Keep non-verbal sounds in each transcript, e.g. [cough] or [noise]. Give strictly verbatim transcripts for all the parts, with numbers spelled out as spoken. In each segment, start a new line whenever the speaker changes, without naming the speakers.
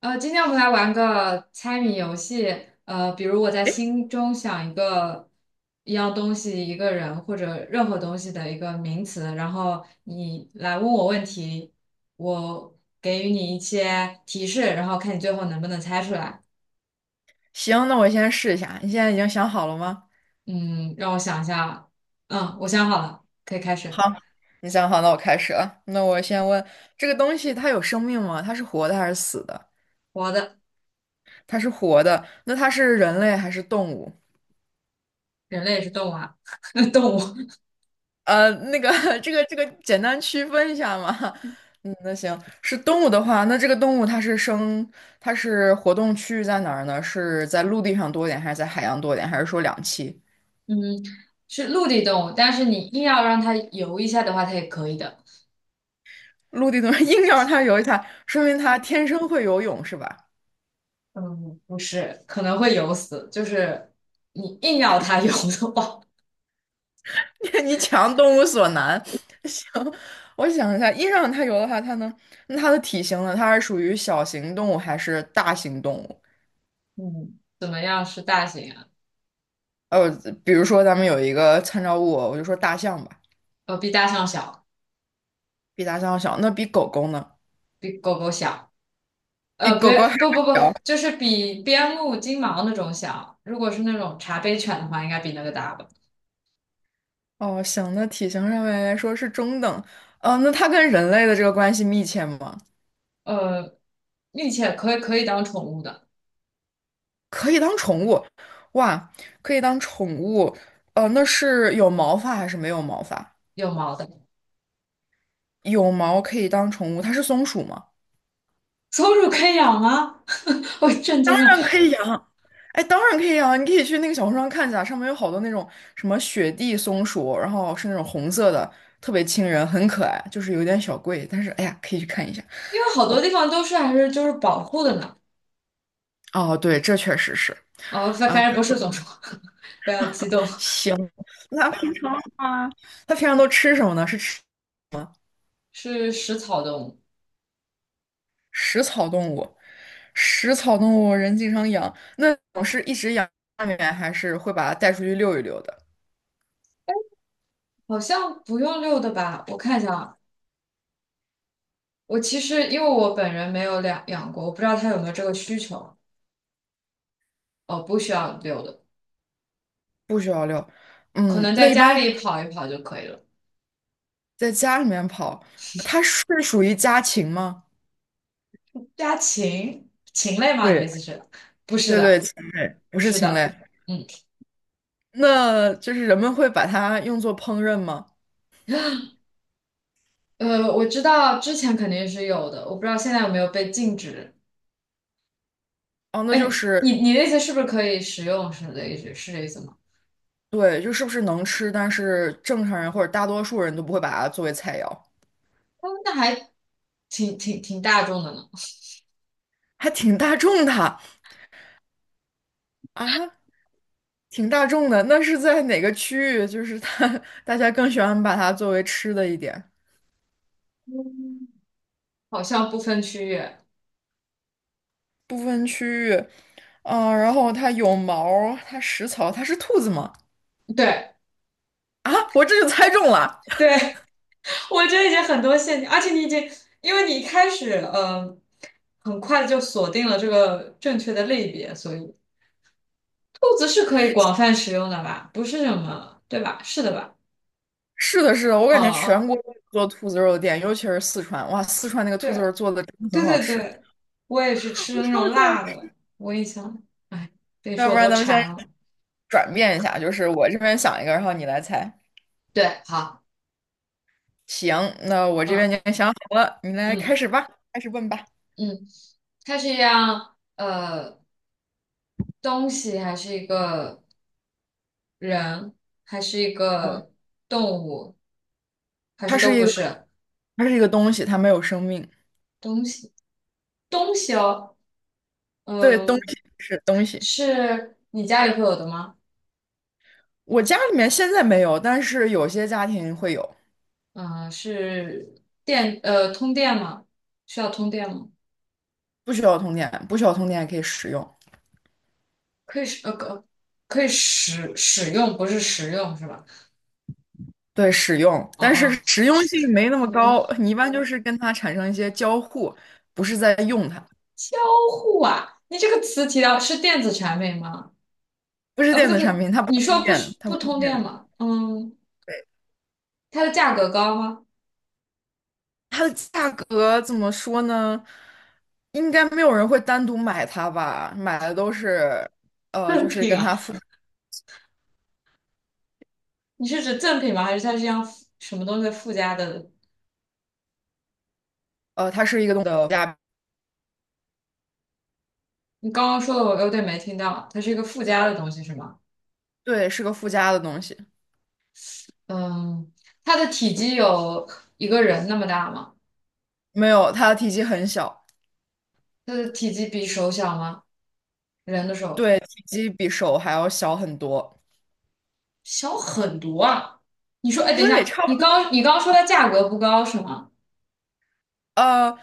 呃，今天我们来玩个猜谜游戏。呃，比如我在心中想一个一样东西、一个人或者任何东西的一个名词，然后你来问我问题，我给予你一些提示，然后看你最后能不能猜出来。
行，那我先试一下。你现在已经想好了吗？
嗯，让我想一下。嗯，我想好了，可以开始。
好，你想好，那我开始了。那我先问，这个东西它有生命吗？它是活的还是死的？
活的，
它是活的，那它是人类还是动物？
人类也是动物啊，[laughs] 动物。
呃，那个，[laughs] 这个，这个简单区分一下嘛。嗯，那行，是动物的话，那这个动物它是生，它是活动区域在哪儿呢？是在陆地上多一点，还是在海洋多一点，还是说两栖？
嗯，是陆地动物，但是你硬要让它游一下的话，它也可以的。
陆地的 [laughs] 硬要让它游一下，说明它天生会游泳是吧？
嗯，不是，可能会游死，就是你硬要它游的话，
[laughs] 你强动物所难，[laughs] 行，我想一下，印上它有的话，它能，那它的体型呢？它是属于小型动物还是大型动物？
[laughs] 嗯，怎么样是大型啊？
呃，比如说咱们有一个参照物，我就说大象吧，
呃，比大象小，
比大象要小，那比狗狗呢？
比狗狗小，
比
呃，
狗狗还
别，不不
要
不，
小。
就是比边牧、金毛那种小。如果是那种茶杯犬的话，应该比那个大吧？
哦，行，那体型上面来说是中等。呃，那它跟人类的这个关系密切吗？
呃，并且可以可以当宠物的，
可以当宠物，哇，可以当宠物。呃，那是有毛发还是没有毛发？
有毛的。
有毛可以当宠物，它是松鼠吗？
松鼠可以养吗？[laughs] 我震
当
惊了，
然可以养，哎，当然可以养，你可以去那个小红书上看一下，上面有好多那种什么雪地松鼠，然后是那种红色的，特别亲人，很可爱，就是有点小贵，但是哎呀，可以去看一下。
因为好多
我
地方都是还是就是保护的呢。
哦，对，这确实是
哦，反
啊。
反正不是松鼠，[laughs] 不要激动，
行，那它平常都吃什么呢？是吃
是食草动物。
食草动物，食草动物人经常养，那种是一直养家里面，还是会把它带出去遛一遛的？
好像不用遛的吧？我看一下啊，我其实因为我本人没有养养过，我不知道他有没有这个需求。哦，不需要遛的，
不需要遛，
可
嗯，
能
那
在
一般
家
的。
里跑一跑就可以了。
在家里面跑，它是属于家禽吗？
家禽禽类吗？你的
对，
意思是？不是
对对，
的，
禽类，不
不
是
是
禽类。
的。嗯，
那就是人们会把它用作烹饪吗？
呃，我知道之前肯定是有的，我不知道现在有没有被禁止。
哦，那就
哎，
是
你你的意思是不是可以食用？是的意思是这意思吗？
对，就是不是能吃，但是正常人或者大多数人都不会把它作为菜肴，
哦，那还挺挺挺大众的呢，
还挺大众的啊，挺大众的。那是在哪个区域？就是它，[laughs] 大家更喜欢把它作为吃的一点，
好像不分区域。
部分区域。嗯、然后它有毛儿它食草，它是兔子吗？
对
啊，我这就猜中了。
对，我觉得已经很多陷阱，而且你已经，因为你一开始呃，很快就锁定了这个正确的类别，所以兔子是可以广泛使用的吧？不是什么，对吧？是的吧？
是的，是的，我感觉全
哦，
国都有做兔子肉的店，尤其是四川，哇，四川那个兔子
对
肉做的真的
对
很好
对
吃。
对，我也是吃的那
[laughs] 超
种
级爱
辣
吃。
的，我印象，哎，别
要
说
不
我
然
都
咱们先
馋了。
转变一下，就是我这边想一个，然后你来猜。
对，好，
行，那我这边
嗯
已经想好了，你来开
嗯
始吧，开始问吧。
嗯，它是一样呃东西，还是一个人，还是一个动物，还
它
是
是
都
一
不
个，
是？
它是一个东西，它没有生命。
东西东西哦，
对，东
嗯，
西是东西。
是你家里会有的吗？
我家里面现在没有，但是有些家庭会有，
嗯，是电呃通电吗？需要通电吗？
不需要通电，不需要通电也可以使用。
可以使呃可可以使使用，不是食用是吧？
对，使用，
哦
但是
哦，
实用性没那么
好
高。
的
你一般就是跟它产生一些交互，不是在用它。
交互啊，你这个词提到是电子产品吗？
不是
啊，不
电
对
子
不
产
对，
品，它不
你
通
说不
电，
需
它
不
不通
通电
电。
吗？嗯，
对，
它的价格高吗？
它的价格怎么说呢？应该没有人会单独买它吧？买的都是，呃，
赠
就是
品
跟
啊，
它附，
你是指赠品吗？还是它是一样附什么东西附加的
呃，它是一个东的附加，
你刚刚说的我有点没听到，它是一个附加的东西是吗？
对，是个附加的东西。
嗯，它的体积有一个人那么大吗？
没有，它的体积很小。
它的体积比手小吗？人的手
对，体积比手还要小很多。
小很多啊。你说，哎，等一
对，
下，
差
你
不
刚你刚说它价格不高是吗？
呃，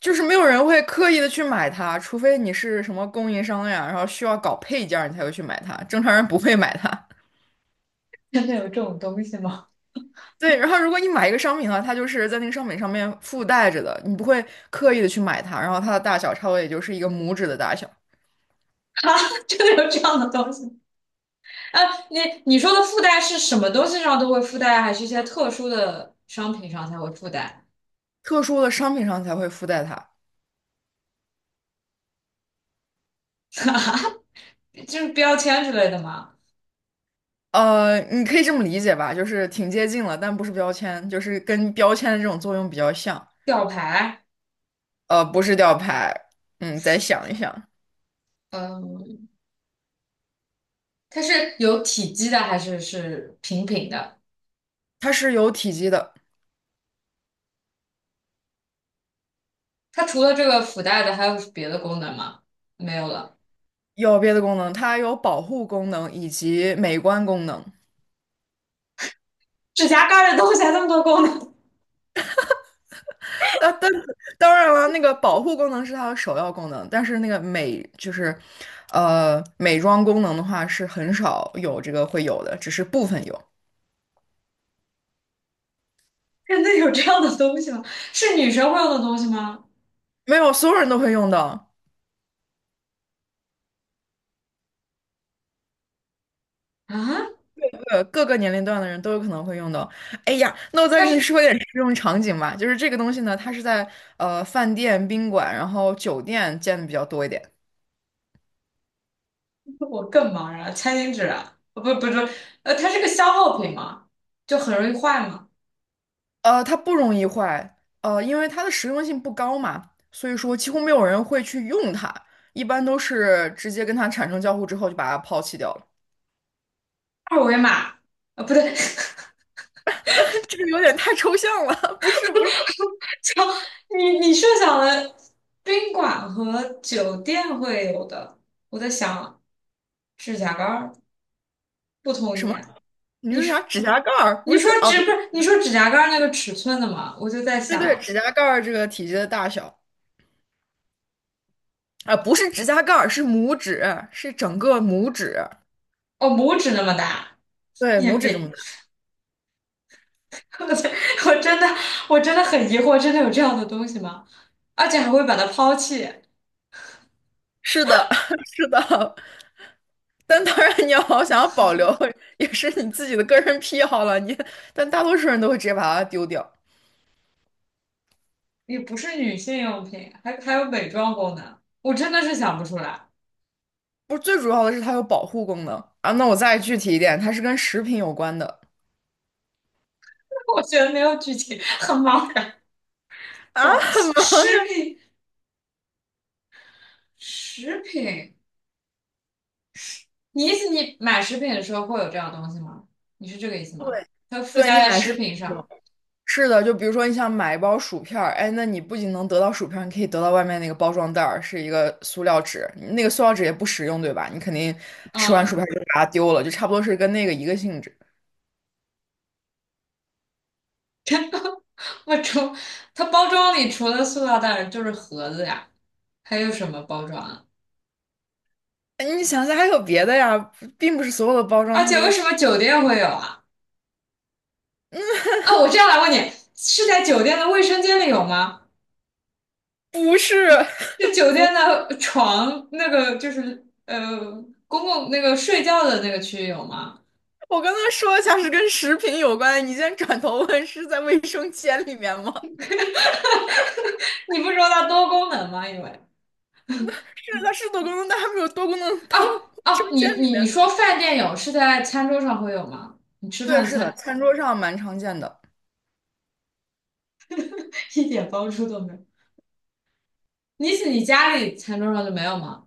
就是没有人会刻意的去买它，除非你是什么供应商呀，然后需要搞配件儿，你才会去买它，正常人不会买它。
[laughs] 真的有这种东西吗？
对，然后如果你买一个商品的话，它就是在那个商品上面附带着的，你不会刻意的去买它，然后它的大小差不多也就是一个拇指的大小。
[laughs] 啊，真的有这样的东西？啊，你你说的附带是什么东西上都会附带，还是一些特殊的商品上才会附带？
特殊的商品上才会附带它。
就是标签之类的吗？
呃，你可以这么理解吧，就是挺接近了，但不是标签，就是跟标签的这种作用比较像。
吊牌？
呃，不是吊牌，嗯，再想一想，
嗯、它是有体积的还是是平平的？
它是有体积的。
它除了这个附带的，还有别的功能吗？没有了。
有别的功能，它有保护功能以及美观功能。
指甲盖儿的东西还那么多功能，
啊，当当然了，那个保护功能是它的首要功能，但是那个美就是，呃，美妆功能的话是很少有这个会有的，只是部分有，
[laughs] 真的有这样的东西吗？是女生会用的东西吗？
没有所有人都会用到。
啊，
呃，各个年龄段的人都有可能会用到。哎呀，那我再
它
给你
是
说一点实用场景吧，就是这个东西呢，它是在呃饭店、宾馆，然后酒店见的比较多一点。
我更茫然了餐巾纸啊，呃不不不，呃，它是个消耗品吗？就很容易坏嘛。
呃，它不容易坏，呃，因为它的实用性不高嘛，所以说几乎没有人会去用它，一般都是直接跟它产生交互之后就把它抛弃掉了。
二维码，啊，不对，
[laughs] 这个有点太抽象了，[laughs] 不是不是。
[laughs] 就你你设想的宾馆和酒店会有的，我在想指甲盖儿不同
什么？
年，
你
你
说啥？
是
指甲盖儿？
你
不
说
是哦，
指
对
不是你说指甲盖儿那个尺寸的吗？我就在
对对，
想，
指甲盖儿这个体积的大小啊，不是指甲盖儿，是拇指，是整个拇指。
哦，拇指那么大，
对，
也
拇指这么
也，
大。
[laughs] 我在我真的我真的很疑惑，真的有这样的东西吗？而且还会把它抛弃，
是的，[laughs] 是的，但当然，你要想要保留，也是你自己的个人癖好了。你，但大多数人都会直接把它丢掉。
也不是女性用品，还还有美妆功能，我真的是想不出来，
不是，最主要的是它有保护功能啊。那我再具体一点，它是跟食品有关的
[laughs] 我觉得没有剧情，很茫然。宝，
啊。
食品食品，你意思你买食品的时候会有这样的东西吗？你是这个意思吗？
对，
它附
对
加
你
在
买
食
是
品上，
是的，就比如说你想买一包薯片儿，哎，那你不仅能得到薯片儿，你可以得到外面那个包装袋儿，是一个塑料纸，那个塑料纸也不实用，对吧？你肯定吃完薯
嗯。
片儿就把它丢了，就差不多是跟那个一个性质。
我除它包装里除了塑料袋就是盒子呀，还有什么包装啊？
哎你想想还有别的呀，并不是所有的包装
而
它
且
都
为什
是。
么酒店会有啊？啊，我这样来问你，是在酒店的卫生间里有吗？
不是，
是酒
不，
店的床那个就是呃公共那个睡觉的那个区域有吗？
我刚刚说一下是跟食品有关，你现在转头问是在卫生间里面吗？
你不说它多功能吗？因为
是，它是多功能，但它没有多功能到
啊
卫生
啊，你
间里
你
面。
说饭店有是在餐桌上会有吗？你吃饭
对，
的
是的，
餐
餐桌上蛮常见的。
[laughs] 一点帮助都没有，你你家里餐桌上就没有吗？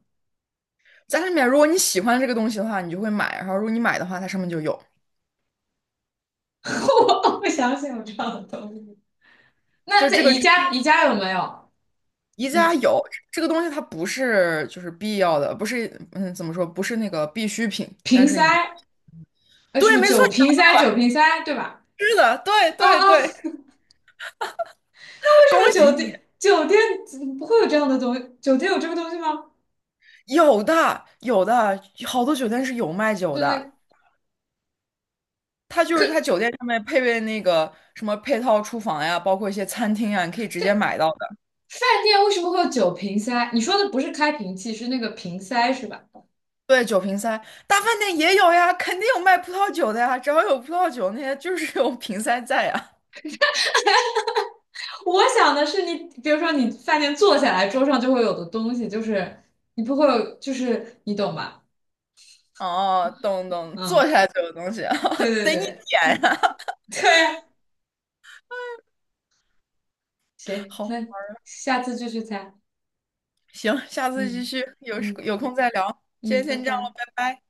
家里面，如果你喜欢这个东西的话，你就会买，然后如果你买的话，它上面就有，
[laughs] 我不相信有这样的东西。那
就
在
这个
宜家，宜家有没有？
宜
宜
家
家
有这个东西，它不是就是必要的，不是嗯怎么说，不是那个必需品，但
瓶
是你
塞，呃，什
对，
么
没错，
酒瓶塞、酒瓶塞，对吧？
是的，对
啊
对
啊，
对，
为什
恭
么酒
喜。
店酒店不会有这样的东西？酒店有这个东西吗？
有的，有的，好多酒店是有卖酒
就
的。
那
它就是它酒店上面配备那个什么配套厨房呀，包括一些餐厅呀，你可以直接
对
买到的。
饭店为什么会有酒瓶塞？你说的不是开瓶器，是那个瓶塞是吧？
对，酒瓶塞，大饭店也有呀，肯定有卖葡萄酒的呀。只要有葡萄酒，那些就是有瓶塞在呀。
我想的是你，比如说你饭店坐下来，桌上就会有的东西，就是你不会有，就是你懂吧？
哦，懂懂，坐
嗯，
下来就有东西，
对
[laughs]
对
得你
对
点呀。
[laughs] 对啊，行，
好，
那下次继续猜，
行，下次继
嗯
续，有
嗯
有空再聊。今天
嗯，拜
先这样了，
拜。
拜拜。